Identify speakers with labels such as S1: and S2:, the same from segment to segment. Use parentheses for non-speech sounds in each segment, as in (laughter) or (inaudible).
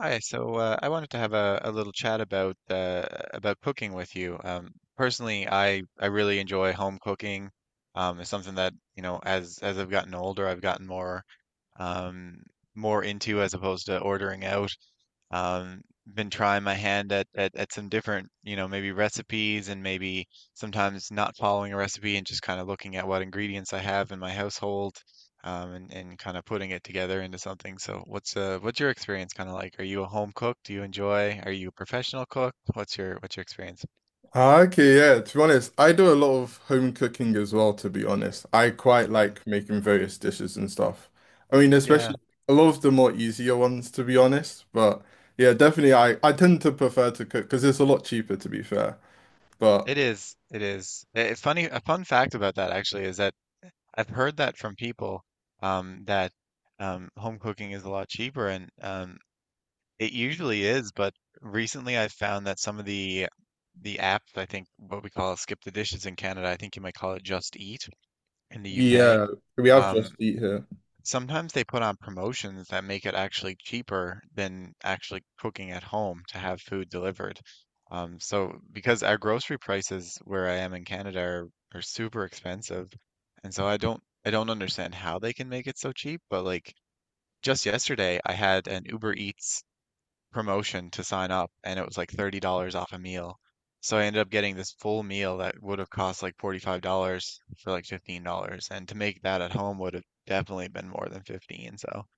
S1: Hi, I wanted to have a little chat about about cooking with you. Personally, I really enjoy home cooking. It's something that, you know, as I've gotten older, I've gotten more um, more into as opposed to ordering out. Um, been trying my hand at some different, you know, maybe recipes and maybe sometimes not following a recipe and just kind of looking at what ingredients I have in my household, and kind of putting it together into something. So what's your experience kind of like? Are you a home cook? Do you enjoy? Are you a professional cook? What's your experience?
S2: Ah, okay, yeah, to be honest, I do a lot of home cooking as well, to be honest. I quite
S1: Mm,
S2: like making various dishes and stuff. I mean,
S1: yeah,
S2: especially a lot of the more easier ones, to be honest. But yeah, definitely I tend to prefer to cook because it's a lot cheaper, to be fair. But
S1: it is. It is. A fun fact about that actually is that I've heard that from people that home cooking is a lot cheaper, and it usually is. But recently, I've found that some of the apps, I think what we call Skip the Dishes in Canada, I think you might call it Just Eat in the UK.
S2: yeah, we have just
S1: Um,
S2: eat here.
S1: Sometimes they put on promotions that make it actually cheaper than actually cooking at home to have food delivered. So because our grocery prices where I am in Canada are super expensive, and so I don't understand how they can make it so cheap, but like just yesterday I had an Uber Eats promotion to sign up and it was like $30 off a meal. So I ended up getting this full meal that would have cost like $45 for like $15. And to make that at home would have definitely been more than 15. So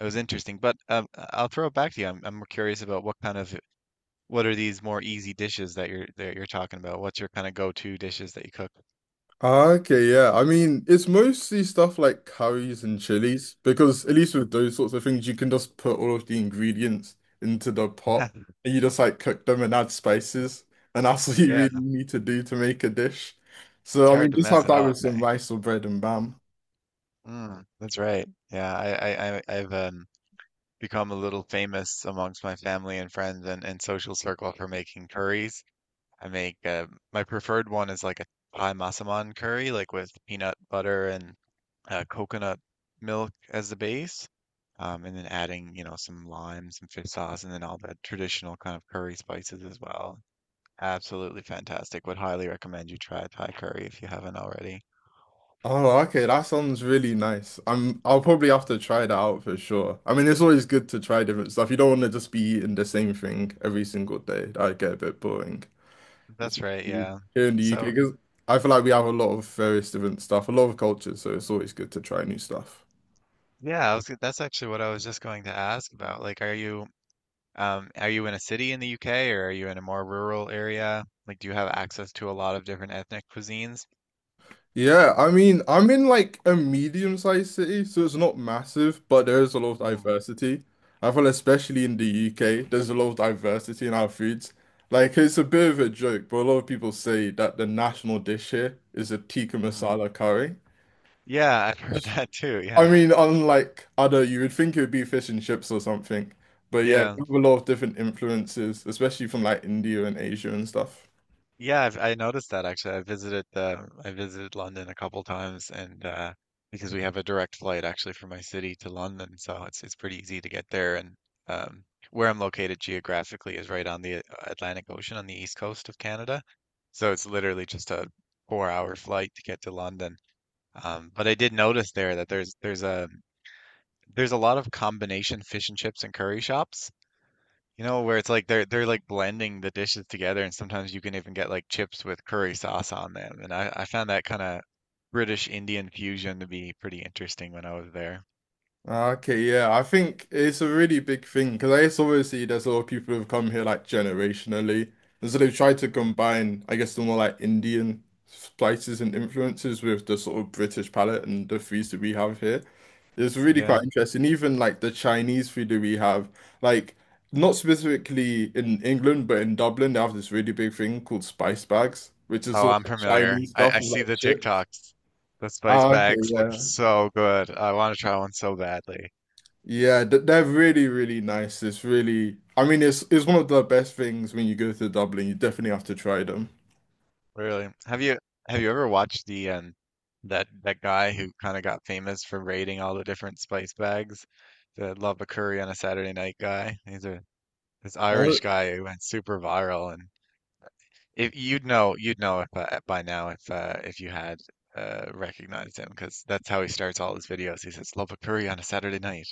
S1: it was interesting. But I'll throw it back to you. I'm curious about what kind of what are these more easy dishes that you're talking about? What's your kind of go-to dishes that you cook?
S2: Ah, okay, yeah. I mean, it's mostly stuff like curries and chilies because at least with those sorts of things, you can just put all of the ingredients into the pot
S1: (laughs)
S2: and you just like cook them and add spices, and that's (laughs) what you
S1: Yeah,
S2: really need to do to make a dish.
S1: it's
S2: So I
S1: hard
S2: mean,
S1: to
S2: just
S1: mess
S2: have
S1: it
S2: that with
S1: up,
S2: some
S1: eh?
S2: rice or bread and bam.
S1: Mm, that's right. I've become a little famous amongst my family and friends and social circle for making curries. I make My preferred one is like a Thai masaman curry, like with peanut butter and coconut milk as the base, and then adding, you know, some lime, some fish sauce, and then all the traditional kind of curry spices as well. Absolutely fantastic. Would highly recommend you try Thai curry if you haven't already.
S2: Oh, okay, that sounds really nice. I'll probably have to try that out for sure. I mean, it's always good to try different stuff. You don't want to just be eating the same thing every single day. That'd get a bit boring. It's
S1: That's right, yeah.
S2: Here in the UK,
S1: So,
S2: because I feel like we have a lot of various different stuff, a lot of cultures, so it's always good to try new stuff.
S1: yeah, that's actually what I was just going to ask about. Like, um, are you in a city in the UK or are you in a more rural area? Like, do you have access to a lot of different ethnic cuisines?
S2: Yeah, I mean, I'm in like a medium-sized city, so it's not massive, but there is a lot of
S1: Hmm.
S2: diversity. I feel especially in the UK, there's a lot of diversity in our foods. Like it's a bit of a joke, but a lot of people say that the national dish here is a tikka
S1: Hmm.
S2: masala curry.
S1: Yeah, I've (laughs) heard that too.
S2: I
S1: Yeah.
S2: mean, unlike other, you would think it would be fish and chips or something. But yeah,
S1: Yeah.
S2: we have a lot of different influences, especially from like India and Asia and stuff.
S1: Yeah, I noticed that actually. I visited London a couple times and because we have a direct flight actually from my city to London, so it's pretty easy to get there and um where I'm located geographically is right on the Atlantic Ocean on the east coast of Canada. So it's literally just a 4 hour flight to get to London. But I did notice there that there's a lot of combination fish and chips and curry shops, you know, where it's like they're like blending the dishes together, and sometimes you can even get like chips with curry sauce on them. And I found that kind of British Indian fusion to be pretty interesting when I was there.
S2: Okay, yeah, I think it's a really big thing because I guess obviously there's a lot of people who've come here like generationally, and so they've tried to
S1: Mm,
S2: combine, I guess, the more like Indian spices and influences with the sort of British palate and the foods that we have here. It's really quite
S1: yeah.
S2: interesting. Even like the Chinese food that we have, like not specifically in England, but in Dublin, they have this really big thing called spice bags, which is
S1: Oh,
S2: all
S1: I'm
S2: like
S1: familiar.
S2: Chinese stuff
S1: I
S2: with
S1: see
S2: like
S1: the
S2: chips.
S1: TikToks. The spice
S2: Ah, okay,
S1: bags look
S2: yeah.
S1: so good. I want to try one so badly.
S2: Yeah, they're really, really nice. It's really, I mean, it's one of the best things when you go to Dublin. You definitely have to try them.
S1: Really? Have you ever watched the that guy who kind of got famous for raiding all the different spice bags? The Love a Curry on a Saturday Night guy. He's a This
S2: Oh,
S1: Irish guy who went super viral, and if you'd know you'd know if by now if you had recognized him because that's how he starts all his videos. He says Love a Curry on a Saturday night,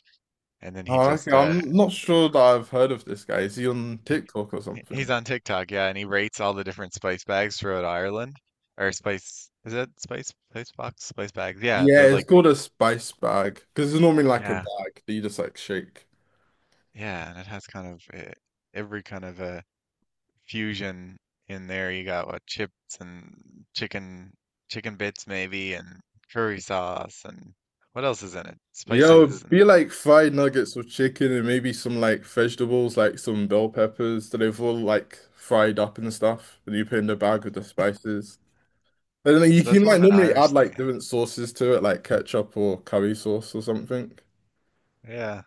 S1: and then
S2: oh, okay. I'm not sure that I've heard of this guy. Is he on TikTok or
S1: he's
S2: something?
S1: on TikTok, yeah, and he rates all the different spice bags throughout Ireland. Or spice, is it spice box, spice bags? Yeah,
S2: Yeah,
S1: the
S2: it's
S1: like,
S2: called a spice bag because it's normally like a
S1: yeah,
S2: bag that you just like shake.
S1: yeah, and it has every kind of a fusion in there. You got what chips and chicken, chicken bits maybe, and curry sauce, and what else is in it?
S2: Yeah, it
S1: Spices,
S2: would
S1: and
S2: be like fried nuggets or chicken and maybe some like vegetables, like some bell peppers that they've all like fried up and stuff that you put in the bag with the spices. But then you
S1: so
S2: can
S1: that's more
S2: like
S1: of an
S2: normally add
S1: Irish thing.
S2: like
S1: Eh?
S2: different sauces to it, like ketchup or curry sauce or something.
S1: Yeah,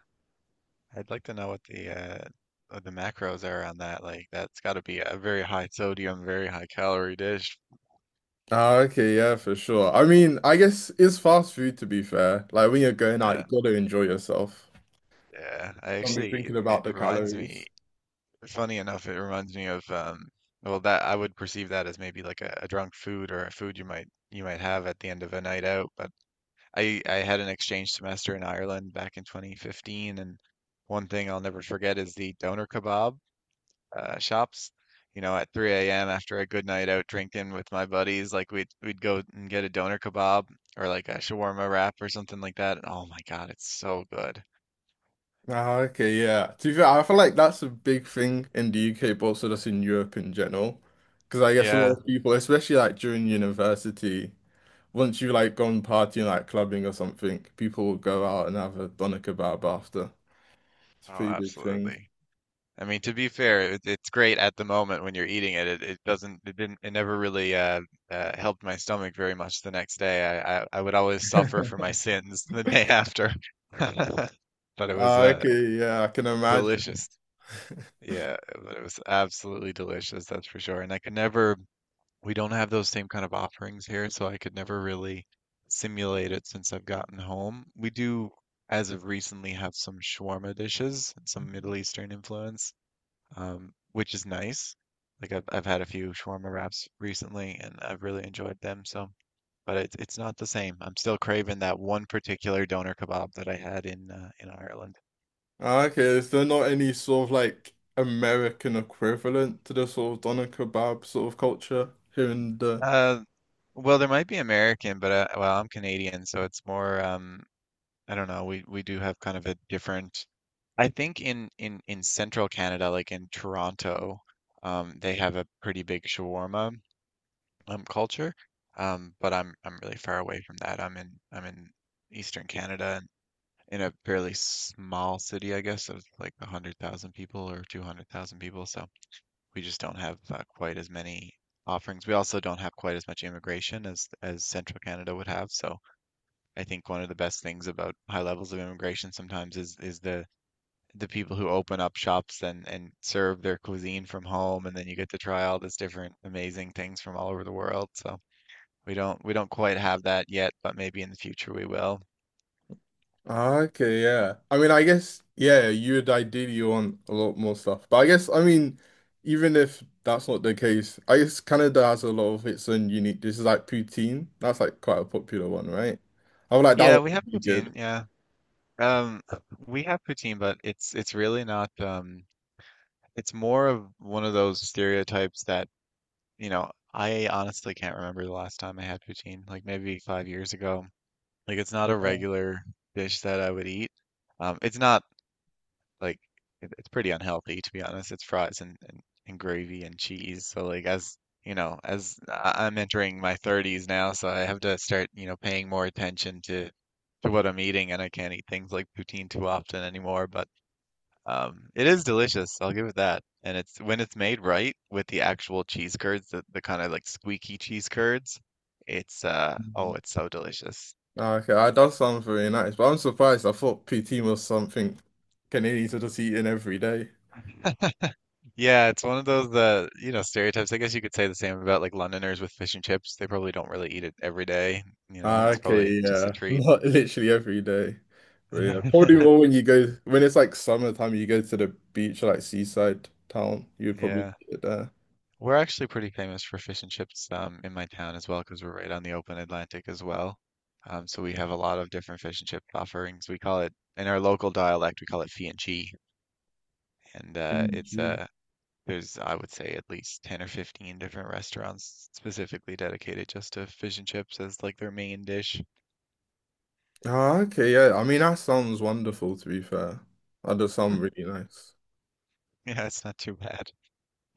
S1: I'd like to know uh, what the macros are on that. Like, that's got to be a very high sodium, very high calorie dish.
S2: Ah, okay, yeah, for sure. I mean, I guess it's fast food, to be fair. Like when you're going out, you
S1: Yeah,
S2: gotta enjoy yourself.
S1: yeah.
S2: Don't be thinking about
S1: It
S2: the
S1: reminds me,
S2: calories.
S1: funny enough, it reminds me of well, that I would perceive that as maybe like a drunk food or a food you might have at the end of a night out. But I had an exchange semester in Ireland back in 2015, and one thing I'll never forget is the doner kebab shops. You know, at 3 a.m. after a good night out drinking with my buddies, like we'd go and get a doner kebab or like a shawarma wrap or something like that. And oh my God, it's so good.
S2: Ah, okay, yeah. To be fair, I feel like that's a big thing in the UK, but also just in Europe in general. Because I guess a lot
S1: Yeah,
S2: of people, especially like during university, once you like gone partying, like clubbing or something, people will go out and have a doner kebab after. It's a
S1: oh,
S2: pretty big thing.
S1: absolutely. I mean, to be fair, it's great at the moment when you're eating it. It doesn't, it didn't, it never really helped my stomach very much the next day. I would always suffer for my sins (laughs) the day after. (laughs) But it was
S2: Ah, okay, yeah, I can imagine.
S1: delicious. Yeah, but it was absolutely delicious, that's for sure. And I could never, we don't have those same kind of offerings here, so I could never really simulate it since I've gotten home. We do, as of recently, have some shawarma dishes, some Middle Eastern influence which is nice. Like I've had a few shawarma wraps recently, and I've really enjoyed them. So, but it's not the same. I'm still craving that one particular doner kebab that I had in Ireland.
S2: Ah, okay, is there not any sort of like American equivalent to the sort of doner kebab sort of culture here in the?
S1: Uh, well, there might be American, but well, I'm Canadian, so it's more. I don't know. We do have kind of a different. I think in central Canada, like in Toronto, they have a pretty big shawarma. Um, culture, but I'm really far away from that. I'm in Eastern Canada and in a fairly small city, I guess, of like 100,000 people or 200,000 people. So we just don't have quite as many offerings. We also don't have quite as much immigration as Central Canada would have. So I think one of the best things about high levels of immigration sometimes is the people who open up shops and serve their cuisine from home, and then you get to try all this different amazing things from all over the world. So we don't quite have that yet, but maybe in the future we will.
S2: Ah, okay, yeah. I mean, I guess yeah, you would ideally want a lot more stuff, but I guess I mean, even if that's not the case, I guess Canada has a lot of its own unique. This is like poutine. That's like quite a popular one, right? I would like that one
S1: Yeah, we have
S2: to be good.
S1: poutine. Yeah. Um, we have poutine, but it's really not it's more of one of those stereotypes that, you know, I honestly can't remember the last time I had poutine, like maybe 5 years ago. Like it's not
S2: Oh,
S1: a
S2: wow.
S1: regular dish that I would eat. It's not like it's pretty unhealthy to be honest. It's fries and gravy and cheese. So like as you know, as I'm entering my 30s now, so I have to start, you know, paying more attention to what I'm eating, and I can't eat things like poutine too often anymore. But it is delicious. I'll give it that. And it's when it's made right with the actual cheese curds, the kind of like squeaky cheese curds. It's uh Oh, it's so delicious.
S2: Ah, okay, that does sound very nice, but I'm surprised. I thought poutine was something Canadians are just eating every day.
S1: (laughs) Yeah, it's one of those the you know stereotypes. I guess you could say the same about like Londoners with fish and chips. They probably don't really eat it every day. You know,
S2: Ah, no.
S1: it's probably
S2: Okay,
S1: just a
S2: yeah, (laughs)
S1: treat.
S2: not literally every day, but yeah, probably
S1: (laughs)
S2: more when you go when it's like summertime. You go to the beach, like seaside town. You'd probably
S1: Yeah,
S2: get it there.
S1: we're actually pretty famous for fish and chips in my town as well because we're right on the open Atlantic as well. So we have a lot of different fish and chip offerings. We call it in our local dialect, we call it fi and chi, and
S2: Mm,
S1: it's
S2: gee.
S1: there's I would say at least 10 or 15 different restaurants specifically dedicated just to fish and chips as like their main dish.
S2: Ah, okay, yeah. I mean, that sounds wonderful. To be fair, that does sound really nice.
S1: Yeah, it's not too bad.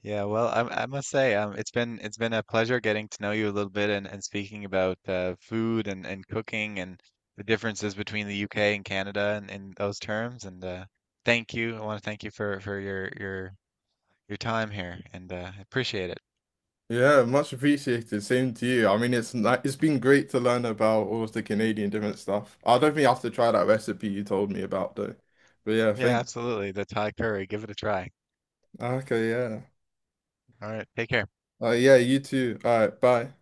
S1: Yeah, well, I must say, it's been a pleasure getting to know you a little bit and speaking about food, and cooking and the differences between the UK and Canada and in those terms. And thank you. I want to thank you for, your time here and I appreciate it.
S2: Yeah, much appreciated. Same to you. I mean, it's been great to learn about all of the Canadian different stuff. I don't think I have to try that recipe you told me about though. But yeah,
S1: Yeah,
S2: thank.
S1: absolutely. The Thai curry, give it a try.
S2: Okay, yeah.
S1: All right, take care.
S2: Yeah, you too. All right, bye.